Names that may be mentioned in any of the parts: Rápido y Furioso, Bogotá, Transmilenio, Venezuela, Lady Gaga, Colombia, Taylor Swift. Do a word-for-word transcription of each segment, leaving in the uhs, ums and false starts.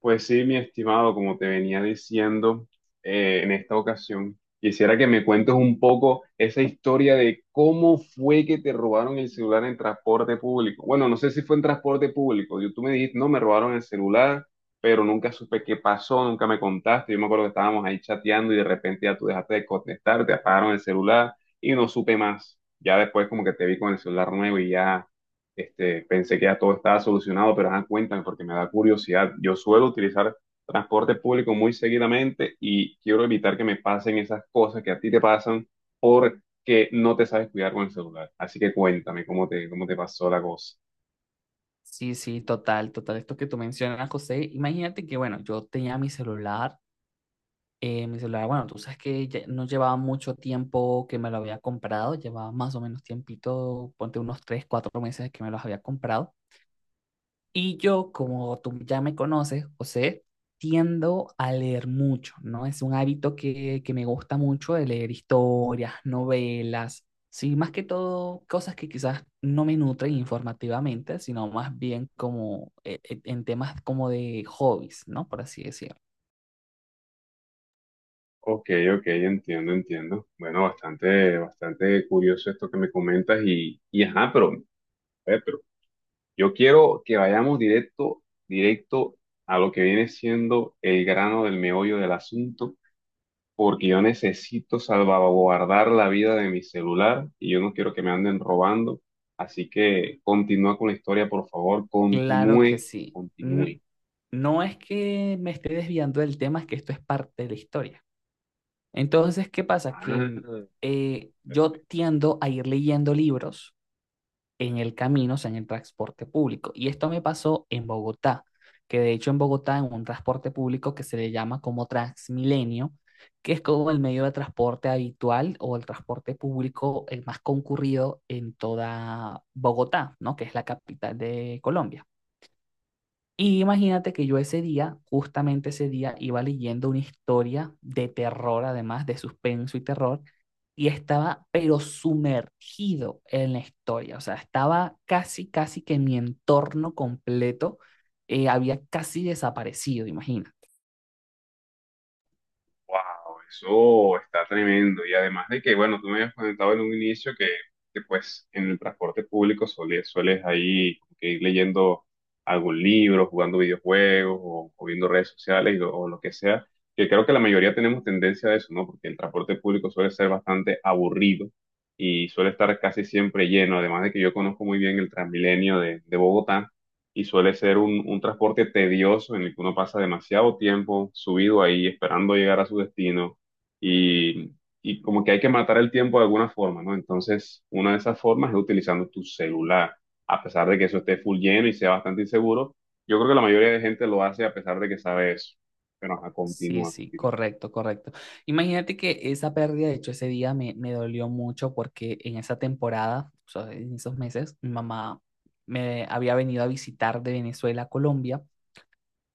Pues sí, mi estimado, como te venía diciendo eh, en esta ocasión, quisiera que me cuentes un poco esa historia de cómo fue que te robaron el celular en transporte público. Bueno, no sé si fue en transporte público. Yo, tú me dijiste, no, me robaron el celular, pero nunca supe qué pasó, nunca me contaste. Yo me acuerdo que estábamos ahí chateando y de repente ya tú dejaste de contestar, te apagaron el celular y no supe más. Ya después como que te vi con el celular nuevo y ya. Este, pensé que ya todo estaba solucionado, pero ajá, cuéntame porque me da curiosidad. Yo suelo utilizar transporte público muy seguidamente y quiero evitar que me pasen esas cosas que a ti te pasan porque no te sabes cuidar con el celular. Así que cuéntame cómo te, cómo te pasó la cosa. Sí, sí, total, total. Esto que tú mencionas, José, imagínate que, bueno, yo tenía mi celular, eh, mi celular, bueno, tú sabes que ya no llevaba mucho tiempo que me lo había comprado, llevaba más o menos tiempito, ponte unos tres, cuatro meses que me los había comprado. Y yo, como tú ya me conoces, José, tiendo a leer mucho, ¿no? Es un hábito que, que me gusta mucho de leer historias, novelas, sí, más que todo cosas que quizás no me nutren informativamente, sino más bien como eh, eh, en temas como de hobbies, ¿no? Por así decirlo. Ok, ok, entiendo, entiendo. Bueno, bastante, bastante curioso esto que me comentas y, y ajá, pero, a ver, pero yo quiero que vayamos directo, directo a lo que viene siendo el grano del meollo del asunto porque yo necesito salvaguardar la vida de mi celular y yo no quiero que me anden robando. Así que continúa con la historia, por favor, Claro que continúe, sí. N- continúe. No es que me esté desviando del tema, es que esto es parte de la historia. Entonces, ¿qué pasa? Ah, Que mm, perfecto. eh, yo tiendo a ir leyendo libros en el camino, o sea, en el transporte público. Y esto me pasó en Bogotá, que de hecho en Bogotá en un transporte público que se le llama como Transmilenio, que es como el medio de transporte habitual o el transporte público el más concurrido en toda Bogotá, ¿no? Que es la capital de Colombia. Y imagínate que yo ese día, justamente ese día, iba leyendo una historia de terror, además de suspenso y terror, y estaba pero sumergido en la historia, o sea, estaba casi, casi que mi entorno completo eh, había casi desaparecido, imagina. Wow, eso está tremendo. Y además de que, bueno, tú me habías comentado en un inicio que, que, pues en el transporte público suele- sueles ahí como que ir leyendo algún libro, jugando videojuegos o, o viendo redes sociales o, o lo que sea, que creo que la mayoría tenemos tendencia a eso, ¿no? Porque el transporte público suele ser bastante aburrido y suele estar casi siempre lleno. Además de que yo conozco muy bien el Transmilenio de, de Bogotá y suele ser un, un transporte tedioso en el que uno pasa demasiado tiempo subido ahí esperando llegar a su destino y, y como que hay que matar el tiempo de alguna forma, ¿no? Entonces, una de esas formas es utilizando tu celular, a pesar de que eso esté full lleno y sea bastante inseguro. Yo creo que la mayoría de gente lo hace a pesar de que sabe eso. Pero ajá, Sí, continúa, sí, continúa. correcto, correcto. Imagínate que esa pérdida, de hecho, ese día me, me dolió mucho porque en esa temporada, o sea, en esos meses, mi mamá me había venido a visitar de Venezuela a Colombia.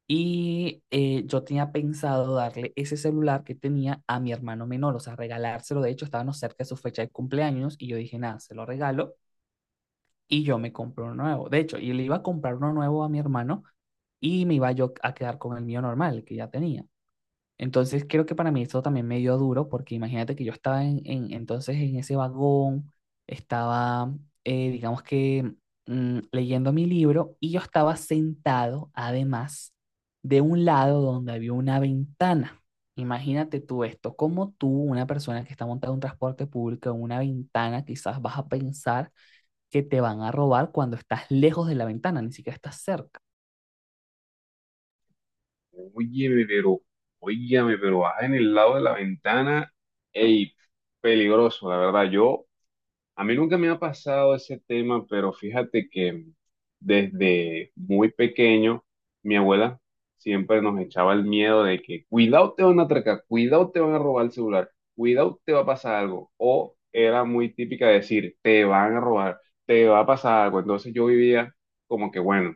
Y eh, yo tenía pensado darle ese celular que tenía a mi hermano menor, o sea, regalárselo. De hecho, estábamos cerca de su fecha de cumpleaños y yo dije, nada, se lo regalo y yo me compro uno nuevo. De hecho, yo le iba a comprar uno nuevo a mi hermano y me iba yo a quedar con el mío normal, el que ya tenía. Entonces creo que para mí eso también me dio duro, porque imagínate que yo estaba en, en- entonces en ese vagón, estaba, eh, digamos que mm, leyendo mi libro y yo estaba sentado además de un lado donde había una ventana. Imagínate tú esto, como tú, una persona que está montada en un transporte público, en una ventana, quizás vas a pensar que te van a robar cuando estás lejos de la ventana, ni siquiera estás cerca. Óyeme, pero, óyeme, pero baja en el lado de la ventana. Ey, peligroso, la verdad. Yo, a mí nunca me ha pasado ese tema, pero fíjate que desde muy pequeño mi abuela siempre nos echaba el miedo de que cuidado te van a atracar, cuidado te van a robar el celular, cuidado te va a pasar algo. O era muy típica decir, te van a robar, te va a pasar algo. Entonces yo vivía como que, bueno,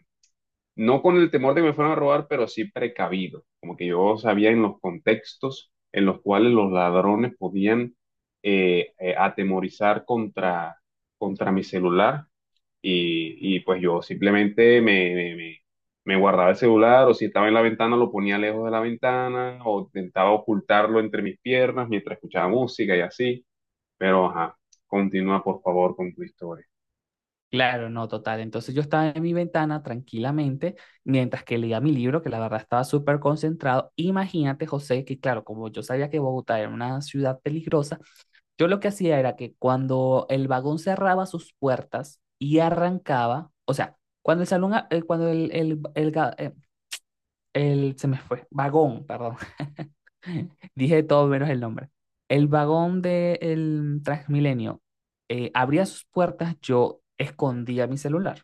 no con el temor de que me fueran a robar, pero sí precavido, como que yo sabía en los contextos en los cuales los ladrones podían eh, eh, atemorizar contra, contra mi celular y, y pues yo simplemente me, me- me- me guardaba el celular o si estaba en la ventana lo ponía lejos de la ventana o intentaba ocultarlo entre mis piernas mientras escuchaba música y así, pero ajá, continúa por favor con tu historia. Claro, no, total. Entonces yo estaba en mi ventana tranquilamente mientras que leía mi libro, que la verdad estaba súper concentrado. Imagínate, José, que claro, como yo sabía que Bogotá era una ciudad peligrosa, yo lo que hacía era que cuando el vagón cerraba sus puertas y arrancaba, o sea, cuando el salón, a- eh, cuando el, el, el, ga- eh, el- se me fue, vagón, perdón, dije todo menos el nombre. El vagón del Transmilenio eh, abría sus puertas, yo escondía mi celular,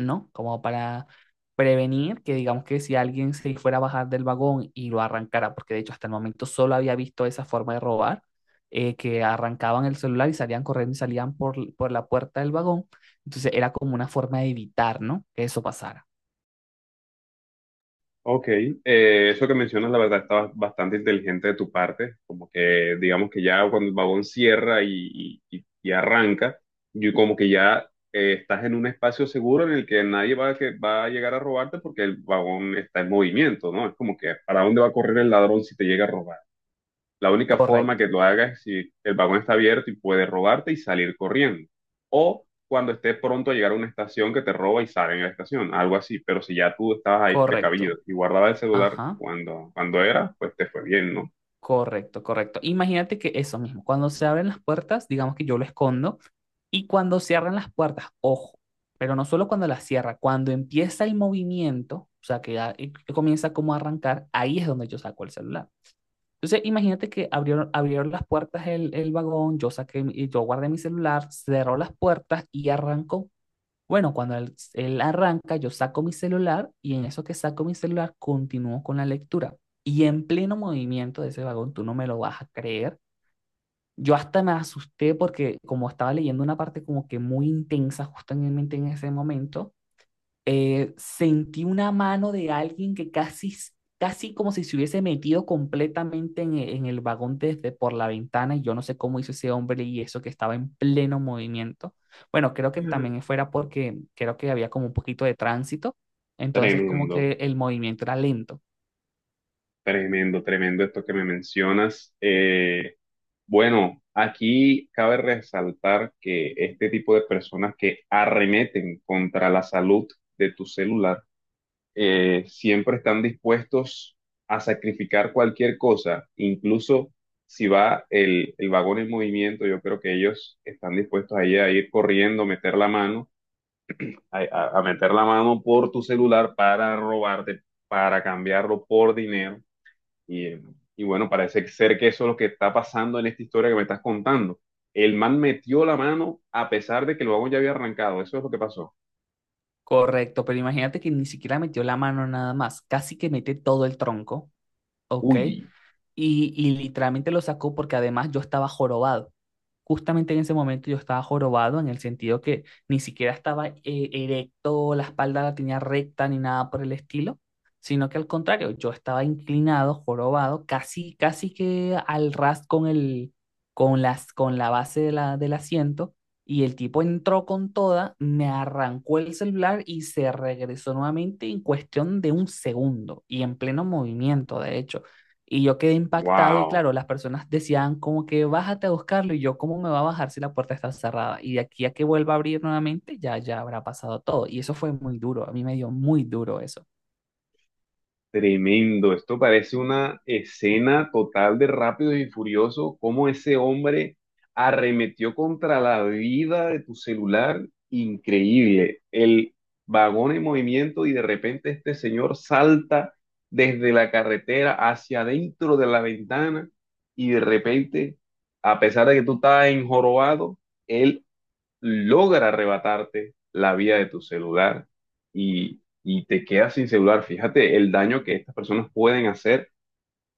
¿no? Como para prevenir que digamos que si alguien se fuera a bajar del vagón y lo arrancara, porque de hecho hasta el momento solo había visto esa forma de robar, eh, que arrancaban el celular y salían corriendo y salían por, l- por la puerta del vagón, entonces era como una forma de evitar, ¿no? Que eso pasara. Ok, eh, eso que mencionas, la verdad, está ba- bastante inteligente de tu parte, como que digamos que ya cuando el vagón cierra y, y- y- y arranca, y como que ya eh, estás en un espacio seguro en el que nadie va a, que, va a llegar a robarte porque el vagón está en movimiento, ¿no? Es como que, ¿para dónde va a correr el ladrón si te llega a robar? La única forma Correcto, que lo haga es si el vagón está abierto y puede robarte y salir corriendo. O cuando esté pronto a llegar a una estación que te roba y sale en la estación, algo así. Pero si ya tú estabas ahí precavido correcto. y guardabas el celular Ajá. cuando, cuando era, pues te fue bien, ¿no? Correcto, correcto. Imagínate que eso mismo, cuando se abren las puertas, digamos que yo lo escondo, y cuando cierran las puertas, ojo, pero no solo cuando las cierra, cuando empieza el movimiento, o sea, que, ya, eh, que comienza como a arrancar, ahí es donde yo saco el celular. Entonces, imagínate que abrieron, abrieron las puertas el, el vagón, yo saqué, mi- yo guardé mi celular, cerró las puertas y arrancó. Bueno, cuando él, él arranca, yo saco mi celular y en eso que saco mi celular continúo con la lectura. Y en pleno movimiento de ese vagón, tú no me lo vas a creer. Yo hasta me asusté porque como estaba leyendo una parte como que muy intensa justamente en ese momento, eh, sentí una mano de alguien que casi, casi como si se hubiese metido completamente en, e- en el vagón desde por la ventana y yo no sé cómo hizo ese hombre y eso que estaba en pleno movimiento. Bueno, creo que también fuera porque creo que había como un poquito de tránsito, entonces como Tremendo, que el movimiento era lento. tremendo, tremendo esto que me mencionas. Eh, bueno, aquí cabe resaltar que este tipo de personas que arremeten contra la salud de tu celular, eh, siempre están dispuestos a sacrificar cualquier cosa, incluso si va el, el vagón en movimiento, yo creo que ellos están dispuestos ahí a ir corriendo, meter la mano, a, a- a meter la mano por tu celular para robarte, para cambiarlo por dinero. Y, eh, y bueno, parece ser que eso es lo que está pasando en esta historia que me estás contando. El man metió la mano a pesar de que el vagón ya había arrancado. Eso es lo que pasó. Correcto, pero imagínate que ni siquiera metió la mano nada más, casi que mete todo el tronco, ¿ok? Uy, Y, y literalmente lo sacó porque además yo estaba jorobado. Justamente en ese momento yo estaba jorobado en el sentido que ni siquiera estaba eh, erecto, la espalda la tenía recta ni nada por el estilo, sino que al contrario, yo estaba inclinado, jorobado, casi, casi que al ras con el, con las, con la base de la, del asiento y el tipo entró con toda, me arrancó el celular y se regresó nuevamente en cuestión de un segundo y en pleno movimiento, de hecho. Y yo quedé impactado y wow. claro, las personas decían como que bájate a buscarlo y yo cómo me va a bajar si la puerta está cerrada. Y de aquí a que vuelva a abrir nuevamente, ya, ya habrá pasado todo. Y eso fue muy duro, a mí me dio muy duro eso. Tremendo, esto parece una escena total de Rápido y Furioso, cómo ese hombre arremetió contra la vida de tu celular, increíble, el vagón en movimiento y de repente este señor salta desde la carretera hacia adentro de la ventana y de repente, a pesar de que tú estabas enjorobado, él logra arrebatarte la vida de tu celular y, y te quedas sin celular. Fíjate el daño que estas personas pueden hacer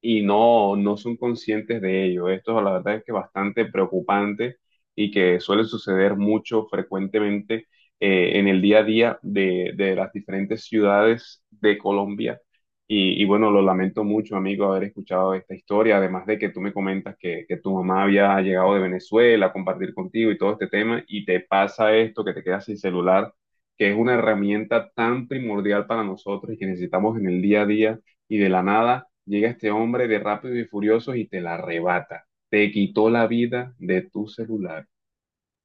y no, no son conscientes de ello. Esto la verdad es que es bastante preocupante y que suele suceder mucho frecuentemente eh, en el día a día de, de las diferentes ciudades de Colombia. Y, y bueno, lo lamento mucho, amigo, haber escuchado esta historia, además de que tú me comentas que, que tu mamá había llegado de Venezuela a compartir contigo y todo este tema, y te pasa esto, que te quedas sin celular, que es una herramienta tan primordial para nosotros y que necesitamos en el día a día y de la nada llega este hombre de Rápidos y Furiosos y te la arrebata. Te quitó la vida de tu celular.